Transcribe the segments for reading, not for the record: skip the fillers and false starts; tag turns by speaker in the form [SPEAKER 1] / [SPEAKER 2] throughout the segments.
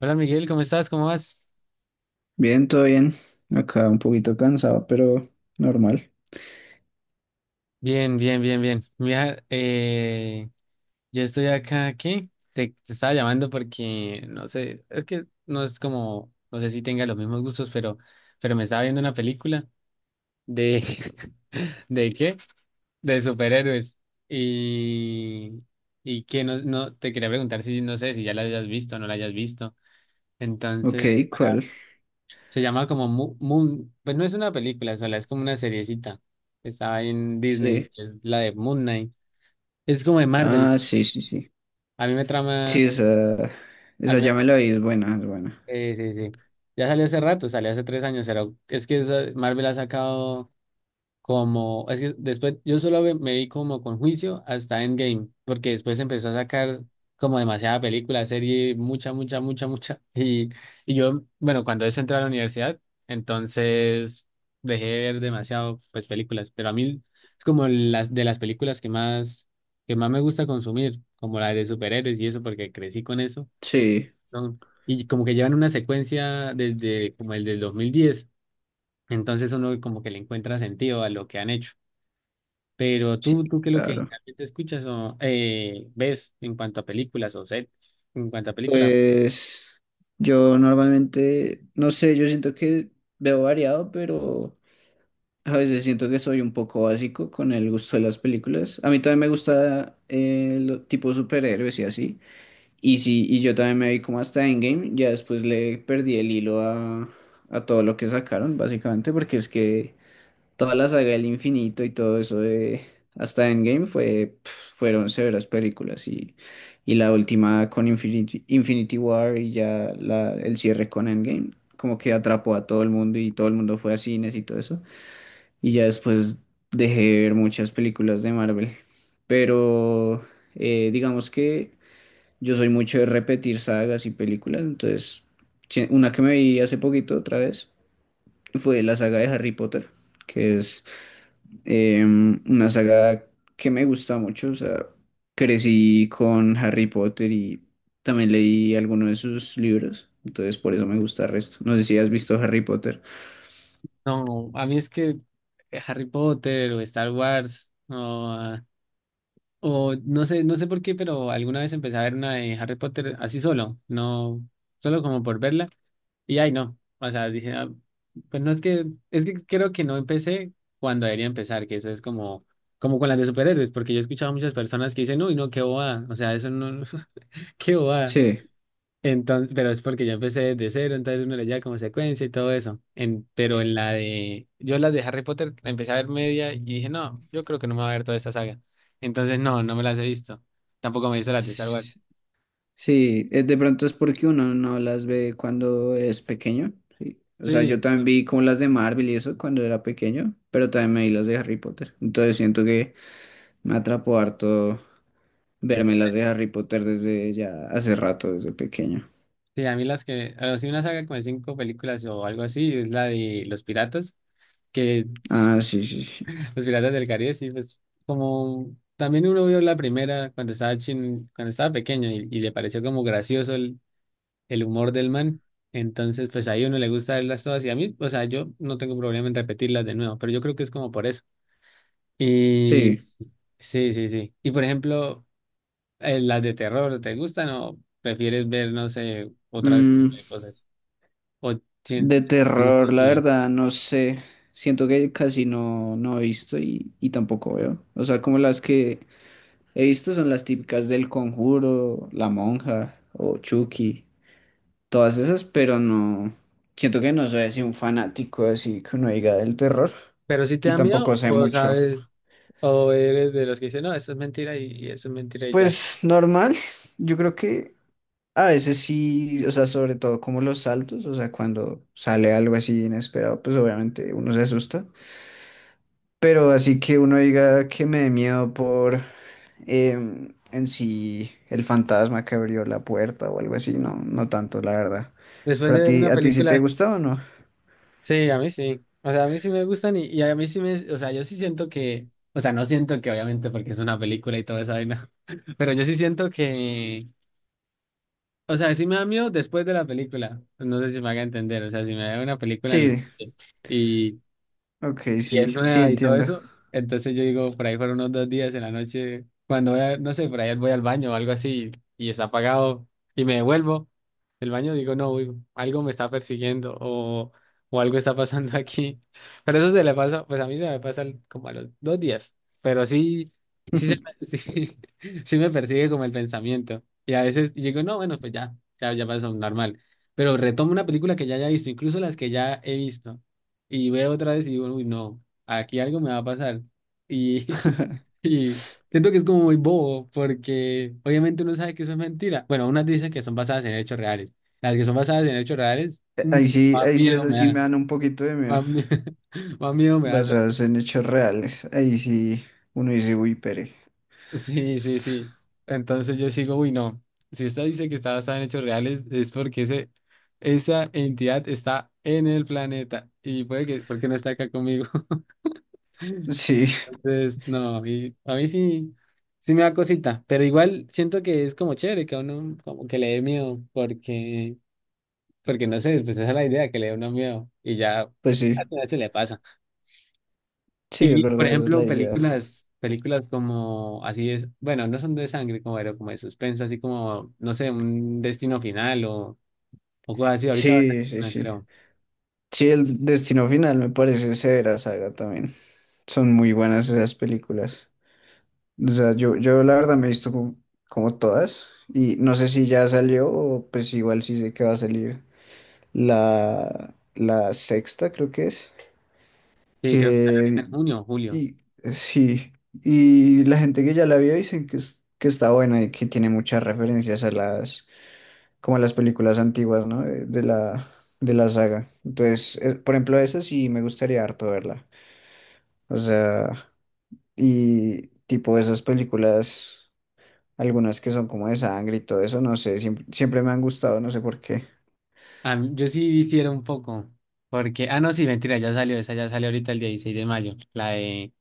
[SPEAKER 1] Hola Miguel, ¿cómo estás? ¿Cómo vas?
[SPEAKER 2] Bien, todo bien. Acá un poquito cansado, pero normal.
[SPEAKER 1] Bien, bien, bien, bien. Mira, yo estoy acá, ¿qué? Te estaba llamando porque, no sé, es que no es como, no sé si tenga los mismos gustos, pero me estaba viendo una película de, ¿de qué? De superhéroes. Y, y que no, no, te quería preguntar si, no sé, si ya la hayas visto o no la hayas visto.
[SPEAKER 2] Ok,
[SPEAKER 1] Entonces,
[SPEAKER 2] ¿cuál?
[SPEAKER 1] se llama como Moon, pues no es una película sola, es como una seriecita. Estaba en Disney,
[SPEAKER 2] Sí.
[SPEAKER 1] que es la de Moon Knight. Es como de Marvel.
[SPEAKER 2] Ah, sí, sí, sí.
[SPEAKER 1] A mí me trama,
[SPEAKER 2] Sí, esa,
[SPEAKER 1] a
[SPEAKER 2] esa
[SPEAKER 1] mí,
[SPEAKER 2] ya me la vi, es buena, es buena.
[SPEAKER 1] sí, sí. Sí. Ya salió hace rato, salió hace 3 años, pero es que Marvel ha sacado como, es que después yo solo me vi como con juicio hasta Endgame, porque después empezó a sacar como demasiada película, serie, mucha, mucha, mucha, mucha. Y yo, bueno, cuando es entrar a la universidad, entonces dejé de ver demasiado, pues, películas, pero a mí es como las de las películas que más me gusta consumir, como la de superhéroes y eso, porque crecí con eso.
[SPEAKER 2] Sí,
[SPEAKER 1] Son, y como que llevan una secuencia desde como el del 2010, entonces uno como que le encuentra sentido a lo que han hecho. Pero
[SPEAKER 2] sí,
[SPEAKER 1] tú qué es lo que
[SPEAKER 2] claro.
[SPEAKER 1] generalmente escuchas o ves en cuanto a películas o en cuanto a películas.
[SPEAKER 2] Pues yo normalmente, no sé, yo siento que veo variado, pero a veces siento que soy un poco básico con el gusto de las películas. A mí también me gusta el tipo superhéroes y así. Y sí, y yo también me vi como hasta Endgame, ya después le perdí el hilo a todo lo que sacaron, básicamente, porque es que toda la saga del infinito y todo eso de hasta Endgame fueron severas películas y la última con Infinity, Infinity War y ya el cierre con Endgame, como que atrapó a todo el mundo y todo el mundo fue a cines y todo eso. Y ya después dejé de ver muchas películas de Marvel, pero digamos que... Yo soy mucho de repetir sagas y películas, entonces sí, una que me vi hace poquito otra vez fue la saga de Harry Potter, que es una saga que me gusta mucho, o sea, crecí con Harry Potter y también leí algunos de sus libros, entonces por eso me gusta el resto. No sé si has visto Harry Potter.
[SPEAKER 1] No, a mí es que Harry Potter o Star Wars ah, o no sé por qué, pero alguna vez empecé a ver una de Harry Potter así solo, no, solo como por verla. Y ay, no, o sea, dije, pues no es que, creo que no empecé cuando debería empezar, que eso es como con las de superhéroes, porque yo he escuchado a muchas personas que dicen, uy, no, qué bobada, o sea, eso no, qué bobada.
[SPEAKER 2] Sí.
[SPEAKER 1] Entonces, pero es porque yo empecé de cero, entonces uno le lleva como secuencia y todo eso. Pero yo las de Harry Potter la empecé a ver media y dije, no, yo creo que no me va a ver toda esta saga. Entonces, no, no me las he visto. Tampoco me he visto las de Star Wars.
[SPEAKER 2] Sí, de pronto es porque uno no las ve cuando es pequeño. Sí. O sea,
[SPEAKER 1] Sí,
[SPEAKER 2] yo también
[SPEAKER 1] sí,
[SPEAKER 2] vi como las de Marvel y eso cuando era pequeño, pero también me vi las de Harry Potter. Entonces siento que me atrapó harto verme las de Harry Potter desde ya hace rato, desde pequeño.
[SPEAKER 1] sí, a mí las que, a o sí, una saga con cinco películas o algo así, es la de Los Piratas, que
[SPEAKER 2] Ah, sí, sí, sí.
[SPEAKER 1] Los Piratas del Caribe, sí, pues como también uno vio la primera cuando estaba chin, cuando estaba pequeño y le pareció como gracioso el humor del man. Entonces, pues ahí uno le gusta verlas todas y a mí, o sea, yo no tengo problema en repetirlas de nuevo, pero yo creo que es como por eso. Y
[SPEAKER 2] Sí.
[SPEAKER 1] sí, sí, sí. Y por ejemplo, las de terror, ¿te gustan o prefieres ver, no sé, otra
[SPEAKER 2] mm,
[SPEAKER 1] tipo de cosas? O sin-
[SPEAKER 2] de terror,
[SPEAKER 1] sin
[SPEAKER 2] la
[SPEAKER 1] mirar.
[SPEAKER 2] verdad, no sé. Siento que casi no he visto y tampoco veo. O sea, como las que he visto son las típicas del Conjuro, La Monja o Chucky, todas esas, pero no, siento que no soy así un fanático así que uno diga del terror
[SPEAKER 1] Pero si te
[SPEAKER 2] y
[SPEAKER 1] da
[SPEAKER 2] tampoco
[SPEAKER 1] miedo
[SPEAKER 2] sé
[SPEAKER 1] o
[SPEAKER 2] mucho.
[SPEAKER 1] sabes, o eres de los que dicen, no, eso es mentira y eso es mentira y ya.
[SPEAKER 2] Pues normal, yo creo que a veces sí, o sea, sobre todo como los saltos, o sea, cuando sale algo así inesperado, pues obviamente uno se asusta, pero así que uno diga que me dé miedo por en sí el fantasma que abrió la puerta o algo así, no, no tanto, la verdad.
[SPEAKER 1] Después
[SPEAKER 2] ¿Pero
[SPEAKER 1] de
[SPEAKER 2] a
[SPEAKER 1] ver
[SPEAKER 2] ti,
[SPEAKER 1] una
[SPEAKER 2] a ti sí te
[SPEAKER 1] película...
[SPEAKER 2] gustó o no?
[SPEAKER 1] Sí, a mí sí. O sea, a mí sí me gustan y a mí sí me, o sea, yo sí siento que, o sea, no siento que obviamente porque es una película y toda esa vaina, pero yo sí siento que, o sea, sí me da miedo después de la película. No sé si me haga entender, o sea, si me da una película
[SPEAKER 2] Sí,
[SPEAKER 1] y,
[SPEAKER 2] ok,
[SPEAKER 1] y es
[SPEAKER 2] sí, sí
[SPEAKER 1] nueva y todo
[SPEAKER 2] entiendo.
[SPEAKER 1] eso. Entonces yo digo, por ahí fueron unos 2 días en la noche, cuando no sé, por ahí voy al baño o algo así y está apagado y me devuelvo del baño, digo, no, uy, algo me está persiguiendo o algo está pasando aquí. Pero eso se le pasa, pues a mí se me pasa como a los 2 días, pero sí, sí, sí, sí me persigue como el pensamiento. Y a veces digo, no, bueno, pues ya, ya, ya pasó normal. Pero retomo una película que ya haya visto, incluso las que ya he visto y veo otra vez y digo, uy, no, aquí algo me va a pasar. Y, y siento que es como muy bobo, porque obviamente uno sabe que eso es mentira. Bueno, unas dicen que son basadas en hechos reales. Las que son basadas en hechos reales, mm, más
[SPEAKER 2] Ahí sí,
[SPEAKER 1] miedo
[SPEAKER 2] esas
[SPEAKER 1] me
[SPEAKER 2] sí me
[SPEAKER 1] dan.
[SPEAKER 2] dan un poquito de miedo,
[SPEAKER 1] Más, mie- más miedo me da.
[SPEAKER 2] basadas en hechos reales. Ahí sí, uno dice, uy, pere.
[SPEAKER 1] Sí, sí, sí. Entonces yo sigo, uy, no. Si usted dice que está basada en hechos reales, es porque esa entidad está en el planeta. Y puede que, porque no está acá conmigo.
[SPEAKER 2] Sí,
[SPEAKER 1] Entonces, no, y a mí sí, sí me da cosita, pero igual siento que es como chévere que a uno como que le dé miedo, porque no sé, pues esa es la idea, que le dé uno miedo y ya
[SPEAKER 2] pues sí,
[SPEAKER 1] al final se le pasa.
[SPEAKER 2] sí, es
[SPEAKER 1] Y por
[SPEAKER 2] verdad, esa es
[SPEAKER 1] ejemplo,
[SPEAKER 2] la idea.
[SPEAKER 1] películas, películas como así es, bueno, no son de sangre como, pero como de suspenso, así como, no sé, un destino final o cosas así, ahorita
[SPEAKER 2] Sí, sí,
[SPEAKER 1] no
[SPEAKER 2] sí.
[SPEAKER 1] creo.
[SPEAKER 2] Sí, el Destino Final me parece severa saga también. Son muy buenas esas películas. O sea, yo la verdad me he visto como todas y no sé si ya salió o pues igual sí sé que va a salir la sexta, creo que es,
[SPEAKER 1] Sí, creo que sale ahorita
[SPEAKER 2] que
[SPEAKER 1] en junio o julio.
[SPEAKER 2] y sí, y la gente que ya la vio dicen que, que está buena y que tiene muchas referencias a las, como a las películas antiguas, ¿no? De la saga. Entonces, por ejemplo, esa sí me gustaría harto verla. O sea, y tipo esas películas. Algunas que son como de sangre y todo eso, no sé, siempre, siempre me han gustado, no sé por qué.
[SPEAKER 1] A yo sí difiero un poco, porque, no, sí, mentira, ya salió esa, ya salió ahorita el 16 de mayo, la de,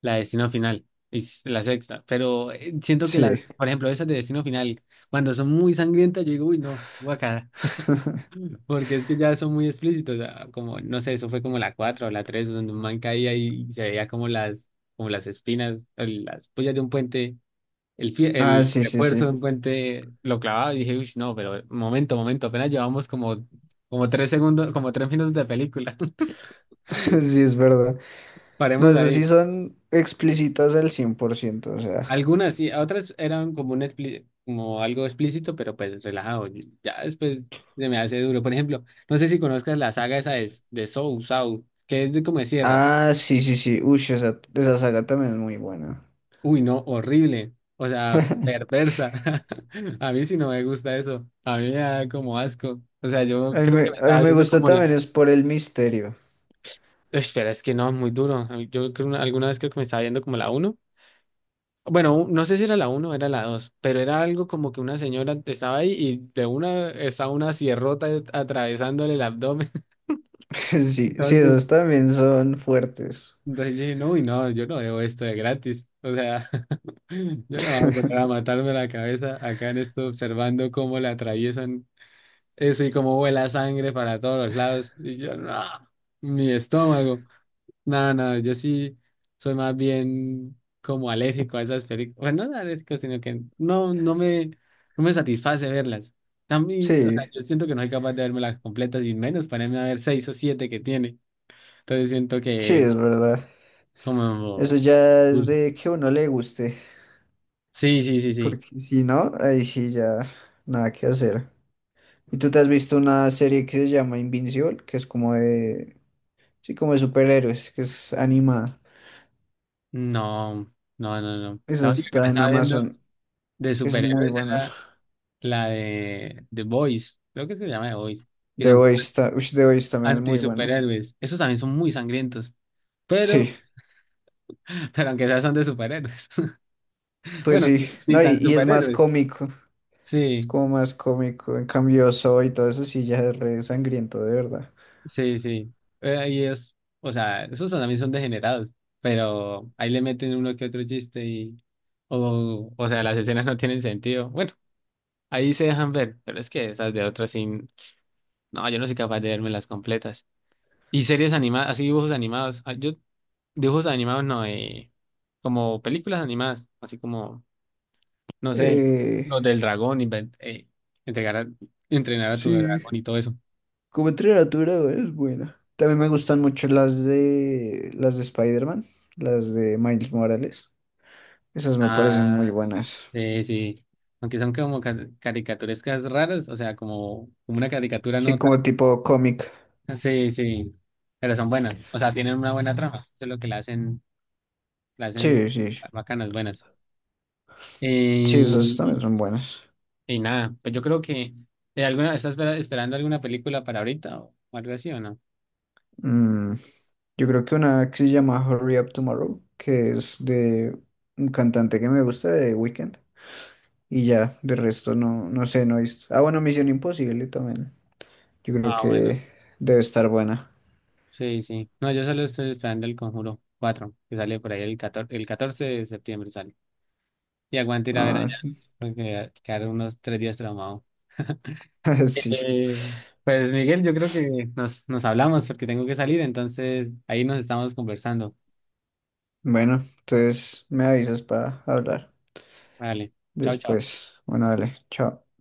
[SPEAKER 1] la de Destino Final, es la sexta, pero siento que
[SPEAKER 2] Sí.
[SPEAKER 1] las, por ejemplo, esas de Destino Final, cuando son muy sangrientas, yo digo, uy, no, guacala, porque es que ya son muy explícitos, como, no sé, eso fue como la 4 o la 3 donde un man caía y se veía como las espinas, o las pullas de un puente,
[SPEAKER 2] Ah,
[SPEAKER 1] el
[SPEAKER 2] sí, sí,
[SPEAKER 1] refuerzo de un
[SPEAKER 2] sí.
[SPEAKER 1] puente lo clavaba y dije, uy, no, pero momento, momento, apenas llevamos como 3 segundos, como 3 minutos de película.
[SPEAKER 2] Sí, es verdad. No,
[SPEAKER 1] Paremos
[SPEAKER 2] esas sí
[SPEAKER 1] ahí.
[SPEAKER 2] son explícitas al 100% o sea.
[SPEAKER 1] Algunas sí, otras eran como un como algo explícito, pero pues relajado. Y ya después se me hace duro. Por ejemplo, no sé si conozcas la saga esa de Saw, Saw, que es de como de sierras.
[SPEAKER 2] Ah, sí, sí, sí. Uy, esa saga también es muy buena.
[SPEAKER 1] Uy, no, horrible. O sea, perversa. A mí sí no me gusta eso. A mí me da como asco. O sea, yo creo que me
[SPEAKER 2] A mí
[SPEAKER 1] estaba
[SPEAKER 2] me
[SPEAKER 1] viendo
[SPEAKER 2] gusta
[SPEAKER 1] como la...
[SPEAKER 2] también es por el misterio.
[SPEAKER 1] Espera, es que no, muy duro. Yo creo alguna vez creo que me estaba viendo como la uno. Bueno, no sé si era la uno o era la 2, pero era algo como que una señora estaba ahí y de una estaba una sierrota atravesándole el abdomen.
[SPEAKER 2] Sí, sí,
[SPEAKER 1] Entonces,
[SPEAKER 2] esas también son fuertes.
[SPEAKER 1] entonces yo dije, no, y no, yo no veo esto de gratis. O sea, yo no voy a poner a matarme la cabeza acá en esto observando cómo le atraviesan eso y cómo vuela sangre para todos los lados. Y yo, no, mi estómago. No, no, yo sí soy más bien como alérgico a esas películas. Bueno, no alérgico, sino que no, no me satisface verlas. También, o sea,
[SPEAKER 2] Sí,
[SPEAKER 1] yo siento que no soy capaz de verme las completas y menos ponerme a ver seis o siete que tiene. Entonces siento
[SPEAKER 2] sí,
[SPEAKER 1] que es
[SPEAKER 2] es verdad. Eso
[SPEAKER 1] como...
[SPEAKER 2] ya es
[SPEAKER 1] Uy.
[SPEAKER 2] de que a uno le guste,
[SPEAKER 1] Sí, sí, sí, sí.
[SPEAKER 2] porque si no, ahí sí ya nada que hacer. ¿Y tú te has visto una serie que se llama Invincible, que es como de, sí, como de superhéroes, que es animada?
[SPEAKER 1] No, no, no, no. La
[SPEAKER 2] Esa
[SPEAKER 1] única que me
[SPEAKER 2] está en
[SPEAKER 1] estaba viendo
[SPEAKER 2] Amazon,
[SPEAKER 1] de
[SPEAKER 2] es muy
[SPEAKER 1] superhéroes
[SPEAKER 2] buena.
[SPEAKER 1] era la de The Boys. Creo que se llama The Boys. Que
[SPEAKER 2] The
[SPEAKER 1] son como
[SPEAKER 2] Voice está, ush, The Voice también es muy buena.
[SPEAKER 1] anti-superhéroes. Esos también son muy sangrientos. Pero...
[SPEAKER 2] Sí,
[SPEAKER 1] Pero aunque sea son de superhéroes.
[SPEAKER 2] pues
[SPEAKER 1] Bueno,
[SPEAKER 2] sí,
[SPEAKER 1] ni
[SPEAKER 2] no, y,
[SPEAKER 1] tan
[SPEAKER 2] y es más
[SPEAKER 1] superhéroes.
[SPEAKER 2] cómico, es
[SPEAKER 1] Sí,
[SPEAKER 2] como más cómico. En cambio, Soy y todo eso sí ya es re sangriento, de verdad.
[SPEAKER 1] sí, sí. Y es, o sea, esos también son degenerados, pero ahí le meten uno que otro chiste y, o sea, las escenas no tienen sentido. Bueno, ahí se dejan ver, pero es que esas de otras sí, no, yo no soy capaz de verme las completas. Y series animadas, así dibujos animados. Ah, yo, dibujos animados no, como películas animadas, así como no sé,
[SPEAKER 2] Eh,
[SPEAKER 1] los del dragón, entregar a- entrenar a tu
[SPEAKER 2] sí,
[SPEAKER 1] dragón y todo eso.
[SPEAKER 2] Como entrenar a es buena. También me gustan mucho las de Spider-Man, las de Miles Morales. Esas me parecen muy
[SPEAKER 1] Ah,
[SPEAKER 2] buenas.
[SPEAKER 1] sí. Aunque son como caricaturescas raras, o sea, como, como una caricatura
[SPEAKER 2] Sí,
[SPEAKER 1] no
[SPEAKER 2] como
[SPEAKER 1] tan.
[SPEAKER 2] tipo cómic.
[SPEAKER 1] Sí, sí. Pero son buenas. O sea, tienen una buena trama. Eso es lo que la hacen
[SPEAKER 2] Sí, sí.
[SPEAKER 1] bacanas, buenas.
[SPEAKER 2] Sí, esas también
[SPEAKER 1] Y,
[SPEAKER 2] son buenas.
[SPEAKER 1] y nada, pues yo creo que. Alguna, ¿estás esperando alguna película para ahorita o algo así o no?
[SPEAKER 2] Mm, yo creo que una que se llama Hurry Up Tomorrow, que es de un cantante que me gusta de Weekend. Ya, de resto no, no sé, no he visto. Ah, bueno, Misión Imposible también. Yo creo
[SPEAKER 1] Ah, bueno.
[SPEAKER 2] que debe estar buena.
[SPEAKER 1] Sí, sí. No, yo solo estoy esperando el Conjuro cuatro, que sale por ahí el 14, el 14 de septiembre sale. Y aguante ir a ver
[SPEAKER 2] Ah,
[SPEAKER 1] allá, porque quedaron unos 3 días traumado.
[SPEAKER 2] sí.
[SPEAKER 1] Eh, pues Miguel, yo creo que nos hablamos porque tengo que salir, entonces ahí nos estamos conversando.
[SPEAKER 2] Bueno, entonces me avisas para hablar
[SPEAKER 1] Vale, chao, chao.
[SPEAKER 2] después. Bueno, dale, chao.